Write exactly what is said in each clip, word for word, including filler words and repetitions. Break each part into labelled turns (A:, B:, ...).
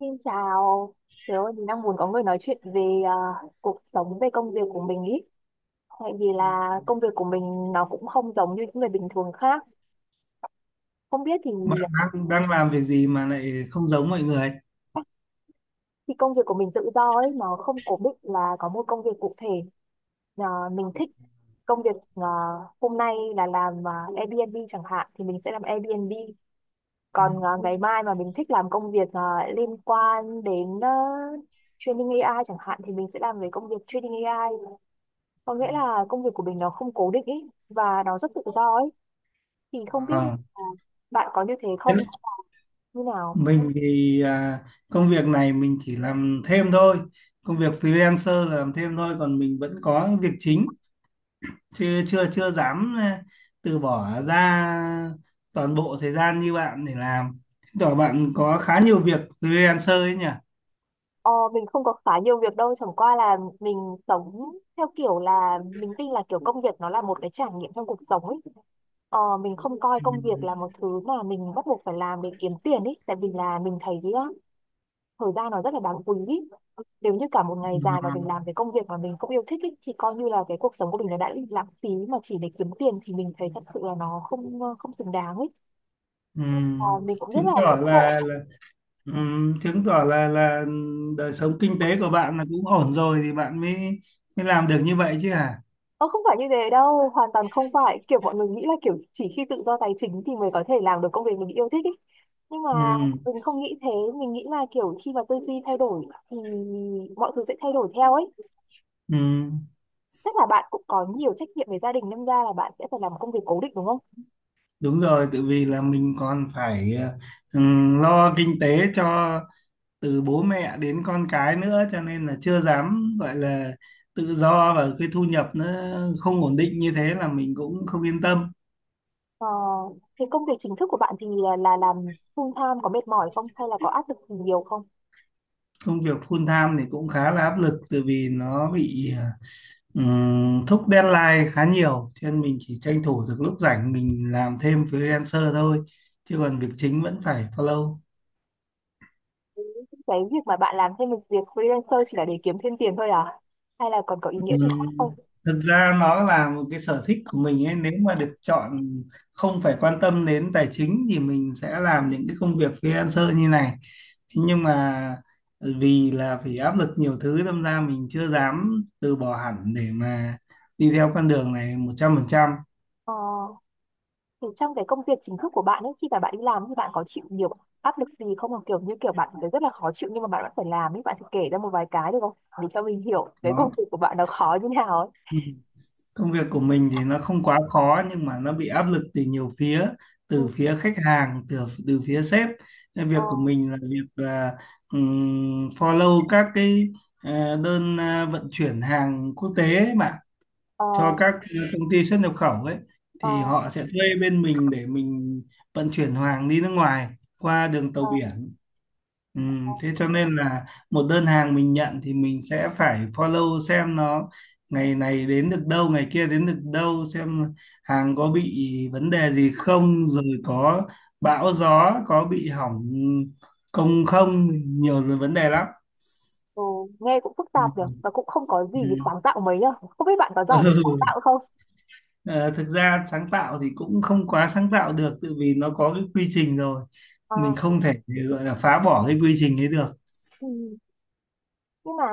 A: Xin chào, tớ thì đang muốn có người nói chuyện về à, cuộc sống, về công việc của mình ý. Tại vì
B: Ừ.
A: là công việc của mình nó cũng không giống như những người bình thường khác. Không biết thì
B: Bạn đang đang làm việc gì mà lại không giống mọi người?
A: khi công việc của mình tự do ấy, nó không cố định là có một công việc cụ thể. À, mình thích công việc à, hôm nay là làm uh, Airbnb chẳng hạn thì mình sẽ làm Airbnb.
B: Ừ.
A: Còn à, ngày mai mà mình thích làm công việc à, liên quan đến à, training a i chẳng hạn thì mình sẽ làm về công việc training a i, có
B: Ừ.
A: nghĩa là công việc của mình nó không cố định ý và nó rất tự do ấy. Thì không biết
B: À,
A: là bạn có như thế
B: thế là-
A: không, như nào.
B: mình thì à, Công việc này mình chỉ làm thêm thôi. Công việc freelancer là làm thêm thôi, còn mình vẫn có việc chính, chưa chưa chưa dám à, từ bỏ ra toàn bộ thời gian như bạn để làm. Chứng tỏ bạn có khá nhiều việc freelancer ấy nhỉ?
A: Ờ, mình không có khá nhiều việc đâu, chẳng qua là mình sống theo kiểu là mình tin là kiểu công việc nó là một cái trải nghiệm trong cuộc sống ấy. Ờ, mình không coi công việc
B: Ừ.
A: là một thứ mà mình bắt buộc phải làm để kiếm tiền ấy, tại vì là mình thấy ý, á, thời gian nó rất là đáng quý ý. Nếu như cả một ngày dài mà mình làm
B: Ừ.
A: cái công việc mà mình không yêu thích ý, thì coi như là cái cuộc sống của mình nó đã bị lãng phí mà chỉ để kiếm tiền thì mình thấy thật sự là nó không ờ, không xứng đáng ấy.
B: Ừ.
A: À, mình cũng rất
B: Chứng
A: là
B: tỏ
A: ngưỡng mộ.
B: là, là Ừ, chứng tỏ là là đời sống kinh tế của bạn là cũng ổn rồi thì bạn mới mới làm được như vậy chứ hả?
A: Ờ, không phải như thế đâu, hoàn toàn không phải kiểu mọi người nghĩ là kiểu chỉ khi tự do tài chính thì mới có thể làm được công việc mình yêu thích ấy, nhưng mà
B: Ừ,
A: mình không nghĩ thế. Mình nghĩ là kiểu khi mà tư duy thay đổi thì mọi thứ sẽ thay đổi theo ấy.
B: ừ,
A: Chắc là bạn cũng có nhiều trách nhiệm về gia đình nên ra là bạn sẽ phải làm công việc cố định đúng không?
B: đúng rồi, tự vì là mình còn phải ờ, ừ, lo kinh tế cho từ bố mẹ đến con cái nữa, cho nên là chưa dám gọi là tự do, và cái thu nhập nó không ổn định như thế là mình cũng không yên tâm.
A: Ờ, thì công việc chính thức của bạn thì là, là làm full time có mệt mỏi không hay là có áp lực gì nhiều không?
B: Công việc full time thì cũng khá là áp lực tự vì nó bị ờ, Ừm, thúc deadline khá nhiều, cho nên mình chỉ tranh thủ được lúc rảnh mình làm thêm freelancer thôi, chứ còn việc chính vẫn phải follow.
A: Cái việc mà bạn làm thêm một việc freelancer chỉ là để kiếm thêm tiền thôi à? Hay là còn có ý nghĩa gì
B: Ừm,
A: khác không?
B: Thực ra nó là một cái sở thích của mình ấy. Nếu mà được chọn, không phải quan tâm đến tài chính thì mình sẽ làm những cái công việc freelancer như này. Thế nhưng mà vì là phải áp lực nhiều thứ, đâm ra mình chưa dám từ bỏ hẳn để mà đi theo con đường này một trăm phần trăm.
A: Ờ, thì trong cái công việc chính thức của bạn ấy khi mà bạn đi làm thì bạn có chịu nhiều áp lực gì không? Hoặc kiểu như kiểu bạn thấy rất là khó chịu nhưng mà bạn vẫn phải làm ấy, bạn thử kể ra một vài cái được không? Để cho mình hiểu cái công
B: Đó.
A: việc của bạn nó khó như nào ấy.
B: Công việc của mình thì nó không quá khó nhưng mà nó bị áp lực từ nhiều phía, từ
A: Ừ.
B: phía khách hàng, từ từ phía sếp. Nên
A: Ờ,
B: việc của mình là việc là ừm, follow các cái ờ, đơn ờ, vận chuyển hàng quốc tế ấy bạn,
A: ờ,
B: cho các công ty xuất nhập khẩu ấy, thì
A: ờ,
B: họ sẽ thuê bên mình để mình vận chuyển hàng đi nước ngoài qua đường tàu
A: ờ.
B: biển. Ừ, thế cho nên là một đơn hàng mình nhận thì mình sẽ phải follow xem nó ngày này đến được đâu, ngày kia đến được đâu, xem hàng có bị vấn đề gì không, rồi có bão gió, có bị hỏng công không, nhiều là vấn đề lắm.
A: Ừ, nghe cũng phức
B: Ừ.
A: tạp được và cũng không có gì
B: Ừ.
A: sáng tạo mấy nhá. Không biết bạn có giỏi về sáng
B: Ừ.
A: tạo không.
B: Ờ, thực ra sáng tạo thì cũng không quá sáng tạo được, tự vì nó có cái quy trình rồi, mình
A: À,
B: không thể gọi là phá bỏ cái quy trình ấy được.
A: ừ. Nhưng mà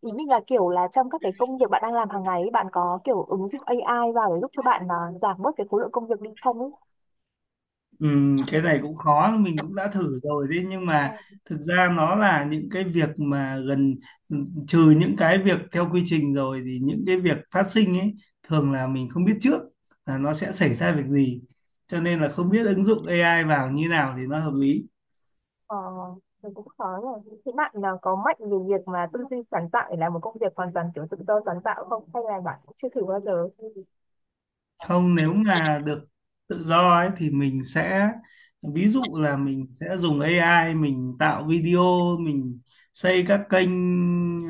A: ý mình là kiểu là trong các cái công việc bạn đang làm hàng ngày ấy, bạn có kiểu ứng dụng a i vào để giúp cho bạn à, giảm bớt cái khối lượng công việc đi không ấy?
B: Ừm, cái này cũng khó, mình cũng đã thử rồi đấy nhưng
A: Ờ,
B: mà thực ra nó là những cái việc mà gần ừ, trừ những cái việc theo quy trình rồi thì những cái việc phát sinh ấy thường là mình không biết trước là nó sẽ xảy ra việc gì, cho nên là không biết ứng dụng a i vào như nào thì nó hợp lý.
A: ờ, thì cũng khó rồi. Thế bạn là có mạnh về việc mà tư duy sáng tạo để làm một công việc hoàn toàn kiểu tự do sáng tạo không? Hay là bạn cũng chưa thử bao giờ?
B: Không, nếu mà được tự do ấy thì mình sẽ, ví dụ là mình sẽ dùng a i mình tạo video, mình xây các kênh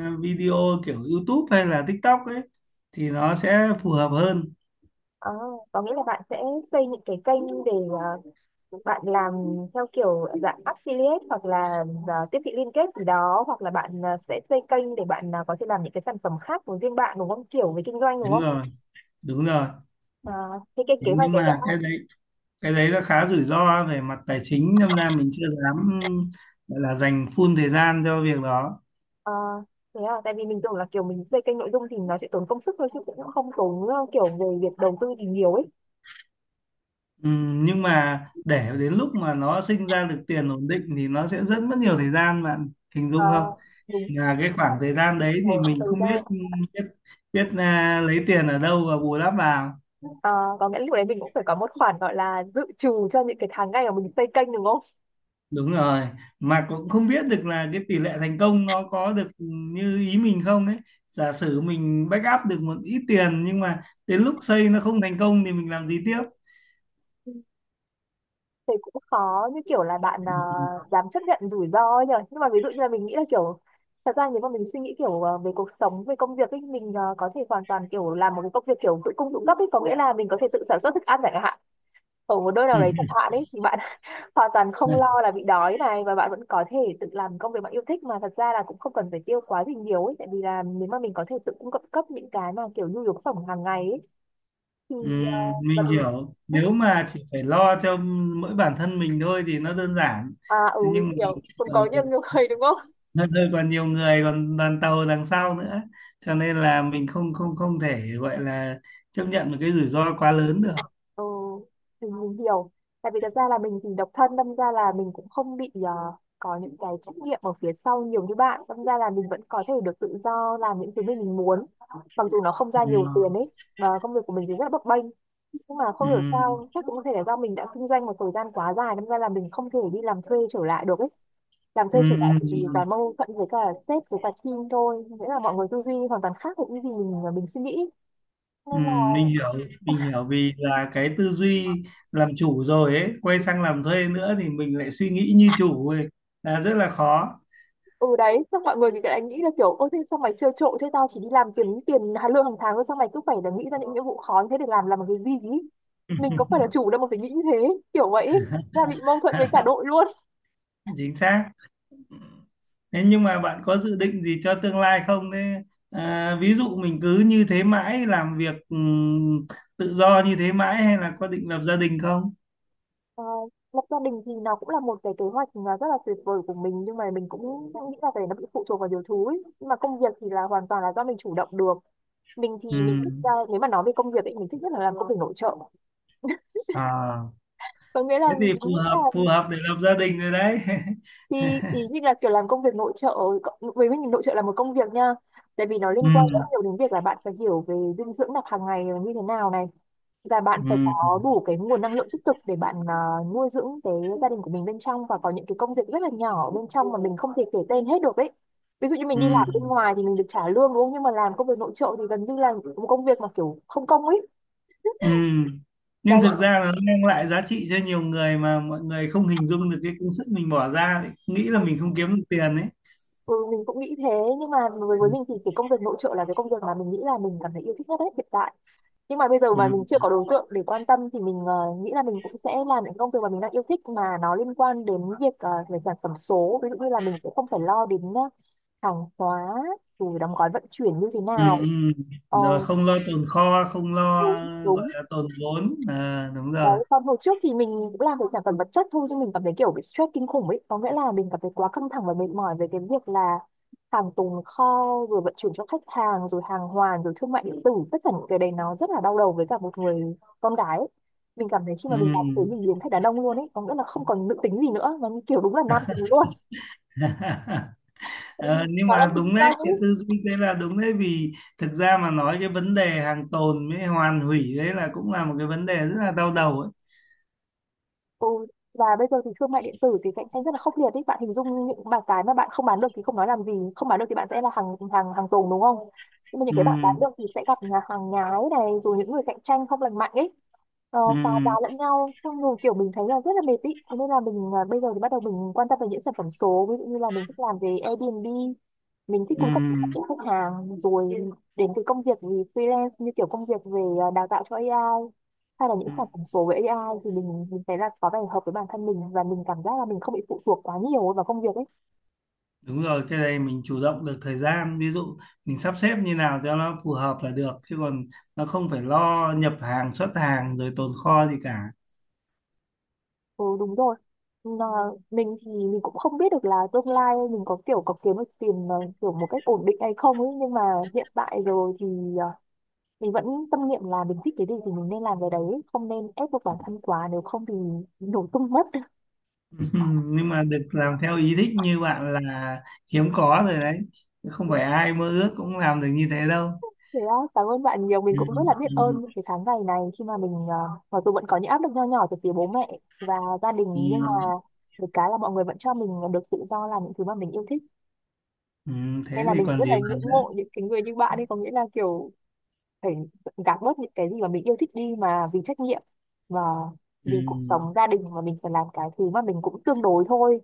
B: ờ, video kiểu YouTube hay là TikTok ấy thì nó sẽ phù hợp hơn.
A: Ờ, có nghĩa là bạn sẽ xây những cái kênh để bạn làm theo kiểu dạng affiliate hoặc là à, tiếp thị liên kết gì đó, hoặc là bạn à, sẽ xây kênh để bạn à, có thể làm những cái sản phẩm khác của riêng bạn đúng không, kiểu về kinh doanh đúng
B: Đúng
A: không?
B: rồi. Đúng rồi.
A: À, thế cái kế hoạch
B: Nhưng
A: đấy đã.
B: mà cái đấy cái đấy nó khá rủi ro về mặt tài chính nên ra mình chưa dám gọi là dành full thời gian cho việc đó.
A: À, thế à, tại vì mình tưởng là kiểu mình xây kênh nội dung thì nó sẽ tốn công sức thôi chứ cũng không tốn ờ, kiểu về việc đầu tư gì nhiều ấy.
B: Ừm, nhưng mà để đến lúc mà nó sinh ra được tiền ổn định thì nó sẽ rất mất nhiều thời gian, bạn hình
A: À,
B: dung không,
A: đúng.
B: là cái khoảng thời gian đấy thì
A: Ờ,
B: mình
A: thời
B: không biết
A: gian.
B: biết biết à, lấy tiền ở đâu và bù đắp vào.
A: À, có nghĩa là lúc đấy mình cũng phải có một khoản gọi là dự trù cho những cái tháng ngày mà mình xây kênh đúng không?
B: Đúng rồi, mà cũng không biết được là cái tỷ lệ thành công nó có được như ý mình không ấy. Giả sử mình back up được một ít tiền nhưng mà đến lúc xây nó không thành công thì mình làm gì tiếp.
A: Thì cũng khó, như kiểu là bạn à, dám chấp nhận rủi ro ấy nhở. Nhưng mà ví dụ như là mình nghĩ là kiểu thật ra nếu mà mình suy nghĩ kiểu à, về cuộc sống về công việc ấy, mình à, có thể hoàn toàn kiểu làm một cái công việc kiểu tự cung tự cấp ấy, có nghĩa là mình có thể tự sản xuất thức ăn chẳng hạn, ở một nơi nào
B: Ừ.
A: đấy chẳng hạn ấy thì bạn hoàn toàn không lo là bị đói này, và bạn vẫn có thể tự làm công việc bạn yêu thích mà thật ra là cũng không cần phải tiêu quá gì nhiều ấy, tại vì là nếu mà mình có thể tự cung cấp cấp những cái mà kiểu nhu yếu phẩm hàng ngày ấy thì
B: Ừm,
A: uh, và
B: mình
A: mình
B: hiểu, nếu mà chỉ phải lo cho mỗi bản thân mình thôi thì nó đơn giản.
A: à
B: Thế
A: ừ mình
B: nhưng mà
A: hiểu, cũng
B: ờ,
A: có nhiều người đúng không.
B: nó rơi còn nhiều người còn đoàn tàu đằng sau nữa, cho nên là mình không không không thể gọi là chấp nhận một cái rủi ro quá lớn được.
A: Ừ, thì mình hiểu. Tại vì thật ra là mình thì độc thân, đâm ra là mình cũng không bị ờ, có những cái trách nhiệm ở phía sau nhiều như bạn. Đâm ra là mình vẫn có thể được tự do làm những thứ mình mình muốn. Mặc dù nó không ra
B: Ừ.
A: nhiều tiền ấy, mà công việc của mình thì rất là bấp bênh. Nhưng mà
B: Ừ.
A: không hiểu sao, chắc cũng có thể là do mình đã kinh doanh một thời gian quá dài, đâm ra là mình không thể đi làm thuê trở lại được ấy. Làm
B: Ừ.
A: thuê trở lại thì
B: Ừ.
A: toàn mâu thuẫn với cả sếp với cả team thôi. Nghĩa là mọi người tư duy hoàn toàn khác với những gì mình, mình suy nghĩ.
B: Ừ.
A: Nên là
B: mình hiểu mình hiểu vì là cái tư duy làm chủ rồi ấy, quay sang làm thuê nữa thì mình lại suy nghĩ như chủ ấy, là rất là khó.
A: ừ đấy, xong mọi người thì lại nghĩ là kiểu ôi thế sao mày trơ trội thế, tao chỉ đi làm kiếm tiền hà- lương hàng tháng thôi, sao mày cứ phải là nghĩ ra những nhiệm vụ khó như thế để làm làm một cái gì ý?
B: Ừ,
A: Mình có phải là chủ đâu mà phải nghĩ như thế, kiểu vậy ý. Ra bị mâu thuẫn với cả đội luôn.
B: chính xác. Ừ. Thế nhưng mà bạn có dự định gì cho tương lai không? Thế à, ví dụ mình cứ như thế mãi, làm việc ừm, tự do như thế mãi hay là có định lập gia đình không?
A: Ờ, lập gia đình thì nó cũng là một cái kế hoạch mà rất là tuyệt vời của mình, nhưng mà mình cũng nghĩ là cái đấy nó bị phụ thuộc vào nhiều thứ ấy. Nhưng mà công việc thì là hoàn toàn là do mình chủ động được. Mình thì mình thích ờ,
B: Ừm.
A: nếu mà nói về công việc ấy mình thích nhất là làm công việc nội trợ,
B: À,
A: có nghĩa là
B: thế thì phù
A: mình nghĩ là
B: hợp phù hợp để lập gia đình rồi đấy.
A: thì ý như là kiểu làm công việc nội trợ cộng- với mình nội trợ là một công việc nha, tại vì nó liên quan rất
B: Ừm,
A: nhiều đến việc là bạn phải hiểu về dinh dưỡng đặc hàng ngày là như thế nào này, và bạn phải
B: ừm,
A: có đủ cái nguồn năng lượng tích cực để bạn à, nuôi dưỡng cái gia đình của mình bên trong, và có những cái công việc rất là nhỏ bên trong mà mình không thể kể tên hết được ấy. Ví dụ như mình đi làm bên
B: ừm,
A: ngoài thì mình được trả lương đúng không, nhưng mà làm công việc nội trợ thì gần như là một công việc mà kiểu không công ấy.
B: ừm. Nhưng
A: Đấy.
B: thực ra là nó mang lại giá trị cho nhiều người mà mọi người không hình dung được cái công sức mình bỏ ra, lại nghĩ là mình không kiếm được tiền ấy.
A: Ừ, mình cũng nghĩ thế, nhưng mà với, với mình thì cái công việc nội trợ là cái công việc mà mình nghĩ là mình cảm thấy yêu thích nhất đấy hiện tại. Nhưng mà bây giờ mà mình chưa
B: Ừm.
A: có đối tượng để quan tâm thì mình ờ, nghĩ là mình cũng sẽ làm những công việc mà mình đang yêu thích mà nó liên quan đến việc ờ, về sản phẩm số, ví dụ như là mình sẽ không phải lo đến ờ, hàng hóa rồi đóng gói vận chuyển như thế
B: Ừ, ừ.
A: nào. Ờ,
B: Rồi không lo tồn kho, không lo
A: đúng,
B: gọi
A: đúng.
B: là tồn vốn à, đúng rồi.
A: Đấy, còn hồi trước thì mình cũng làm về sản phẩm vật chất thôi nhưng mình cảm thấy kiểu bị stress kinh khủng ấy, có nghĩa là mình cảm thấy quá căng thẳng và mệt mỏi về cái việc là hàng tồn kho rồi vận chuyển cho khách hàng rồi hàng hoàn rồi thương mại điện tử, tất cả những cái đấy nó rất là đau đầu với cả một người con gái ấy. Mình cảm thấy khi
B: Ừ.
A: mà mình làm thế mình biến thành đàn ông luôn ấy, có nghĩa là không còn nữ tính gì nữa mà như kiểu đúng là nam tính luôn, tại vì
B: Ờ, nhưng
A: nó là
B: mà
A: kinh
B: đúng đấy,
A: doanh ấy.
B: cái tư duy thế là đúng đấy, vì thực ra mà nói cái vấn đề hàng tồn với hoàn hủy đấy là cũng là một cái vấn đề rất là đau đầu ấy.
A: Ừ, và bây giờ thì thương mại điện tử thì cạnh tranh rất là khốc liệt đấy bạn, hình dung những mà cái mà bạn không bán được thì không nói làm gì, không bán được thì bạn sẽ là hàng hàng hàng tồn đúng không, nhưng mà những
B: Ừ,
A: cái bạn bán được thì sẽ gặp nhà hàng nhái này rồi những người cạnh tranh không lành mạnh ấy, ờ, phá giá
B: ừ,
A: lẫn nhau, xong rồi kiểu mình thấy là rất là mệt ý. Thế nên là mình à, bây giờ thì bắt đầu mình quan tâm về những sản phẩm số, ví dụ như là mình thích làm về Airbnb, mình thích
B: ừ,
A: cung cấp cho khách hàng rồi đến cái công việc gì freelance như kiểu công việc về à, đào tạo cho a i hay là những
B: ừ.
A: sản phẩm số với a i thì mình mình thấy là có vẻ hợp với bản thân mình, và mình cảm giác là mình không bị phụ thuộc quá nhiều vào công việc ấy.
B: Đúng rồi, cái này mình chủ động được thời gian, ví dụ mình sắp xếp như nào cho nó phù hợp là được, chứ còn nó không phải lo nhập hàng, xuất hàng rồi tồn kho gì cả.
A: Ừ đúng rồi. Mà mình thì mình cũng không biết được là tương lai mình có kiểu có kiếm được tiền ờ, kiểu một cách ổn định hay không ấy, nhưng mà hiện tại rồi thì ờ, mình vẫn tâm niệm là mình thích cái gì thì mình nên làm cái đấy, không nên ép buộc bản thân quá, nếu không thì nổ tung mất.
B: Ừ, nhưng mà được làm theo ý thích như bạn là hiếm có rồi đấy, không phải ai mơ ước cũng làm được như thế đâu.
A: Thế á, cảm ơn bạn nhiều. Mình
B: Ừ,
A: cũng rất là biết ơn
B: ừ,
A: những cái tháng ngày này khi mà mình ờ, mặc dù vẫn có những áp lực nho nhỏ từ phía bố mẹ và gia đình, nhưng mà
B: ừ,
A: được cái là mọi người vẫn cho mình được tự do làm những thứ mà mình yêu thích.
B: ừ,
A: Nên
B: thế
A: là
B: thì
A: mình
B: còn
A: rất
B: gì
A: là
B: bằng
A: ngưỡng
B: nữa.
A: mộ những cái người như bạn ấy, có nghĩa là kiểu phải gạt bớt những cái gì mà mình yêu thích đi mà vì trách nhiệm và
B: Ừ.
A: vì cuộc sống gia đình mà mình phải làm cái thứ mà mình cũng tương đối thôi.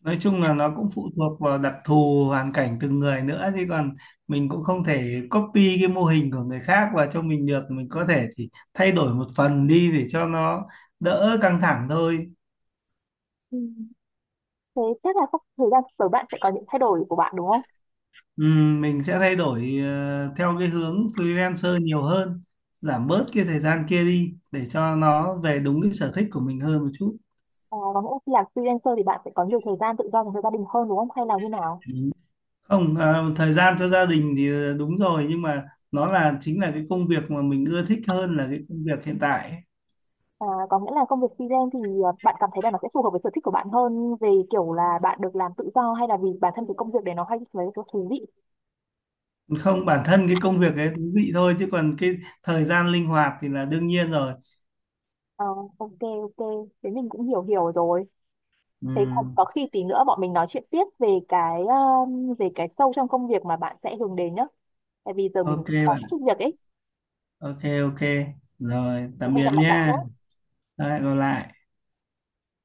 B: Nói chung là nó cũng phụ thuộc vào đặc thù hoàn cảnh từng người, nữa chứ còn mình cũng không thể copy cái mô hình của người khác và cho mình được, mình có thể chỉ thay đổi một phần đi để cho nó đỡ căng thẳng thôi.
A: Ừ. Thế chắc là sắp thời gian sắp tới bạn sẽ có những thay đổi của bạn đúng không?
B: Ừm, mình sẽ thay đổi ờ, theo cái hướng freelancer nhiều hơn, giảm bớt cái thời gian kia đi để cho nó về đúng cái sở thích của mình hơn một chút.
A: À, có nghĩa là khi làm freelancer thì bạn sẽ có nhiều thời gian tự do dành cho gia đình hơn đúng không? Hay là như nào?
B: Không, ờ, thời gian cho gia đình thì ờ, đúng rồi, nhưng mà nó là chính là cái công việc mà mình ưa thích hơn là cái công việc hiện tại ấy.
A: À, có nghĩa là công việc freelance thì à, bạn cảm thấy là nó sẽ phù hợp với sở thích của bạn hơn về kiểu là bạn được làm tự do hay là vì bản thân cái công việc đấy nó hay với cái thú vị?
B: Không, bản thân cái công việc ấy thú vị thôi, chứ còn cái thời gian linh hoạt thì là đương nhiên rồi.
A: Ờ, ok, ok, thế mình cũng hiểu hiểu rồi. Thế có,
B: Ừm,
A: có khi tí nữa bọn mình nói chuyện tiếp về cái um, về cái sâu trong công việc mà bạn sẽ hướng đến nhá, tại vì giờ mình
B: ok
A: có
B: bạn,
A: chút việc ấy.
B: ok ok. Rồi,
A: Thì
B: tạm
A: hẹn
B: biệt
A: gặp lại bạn
B: nha.
A: nhé.
B: Lại gặp lại.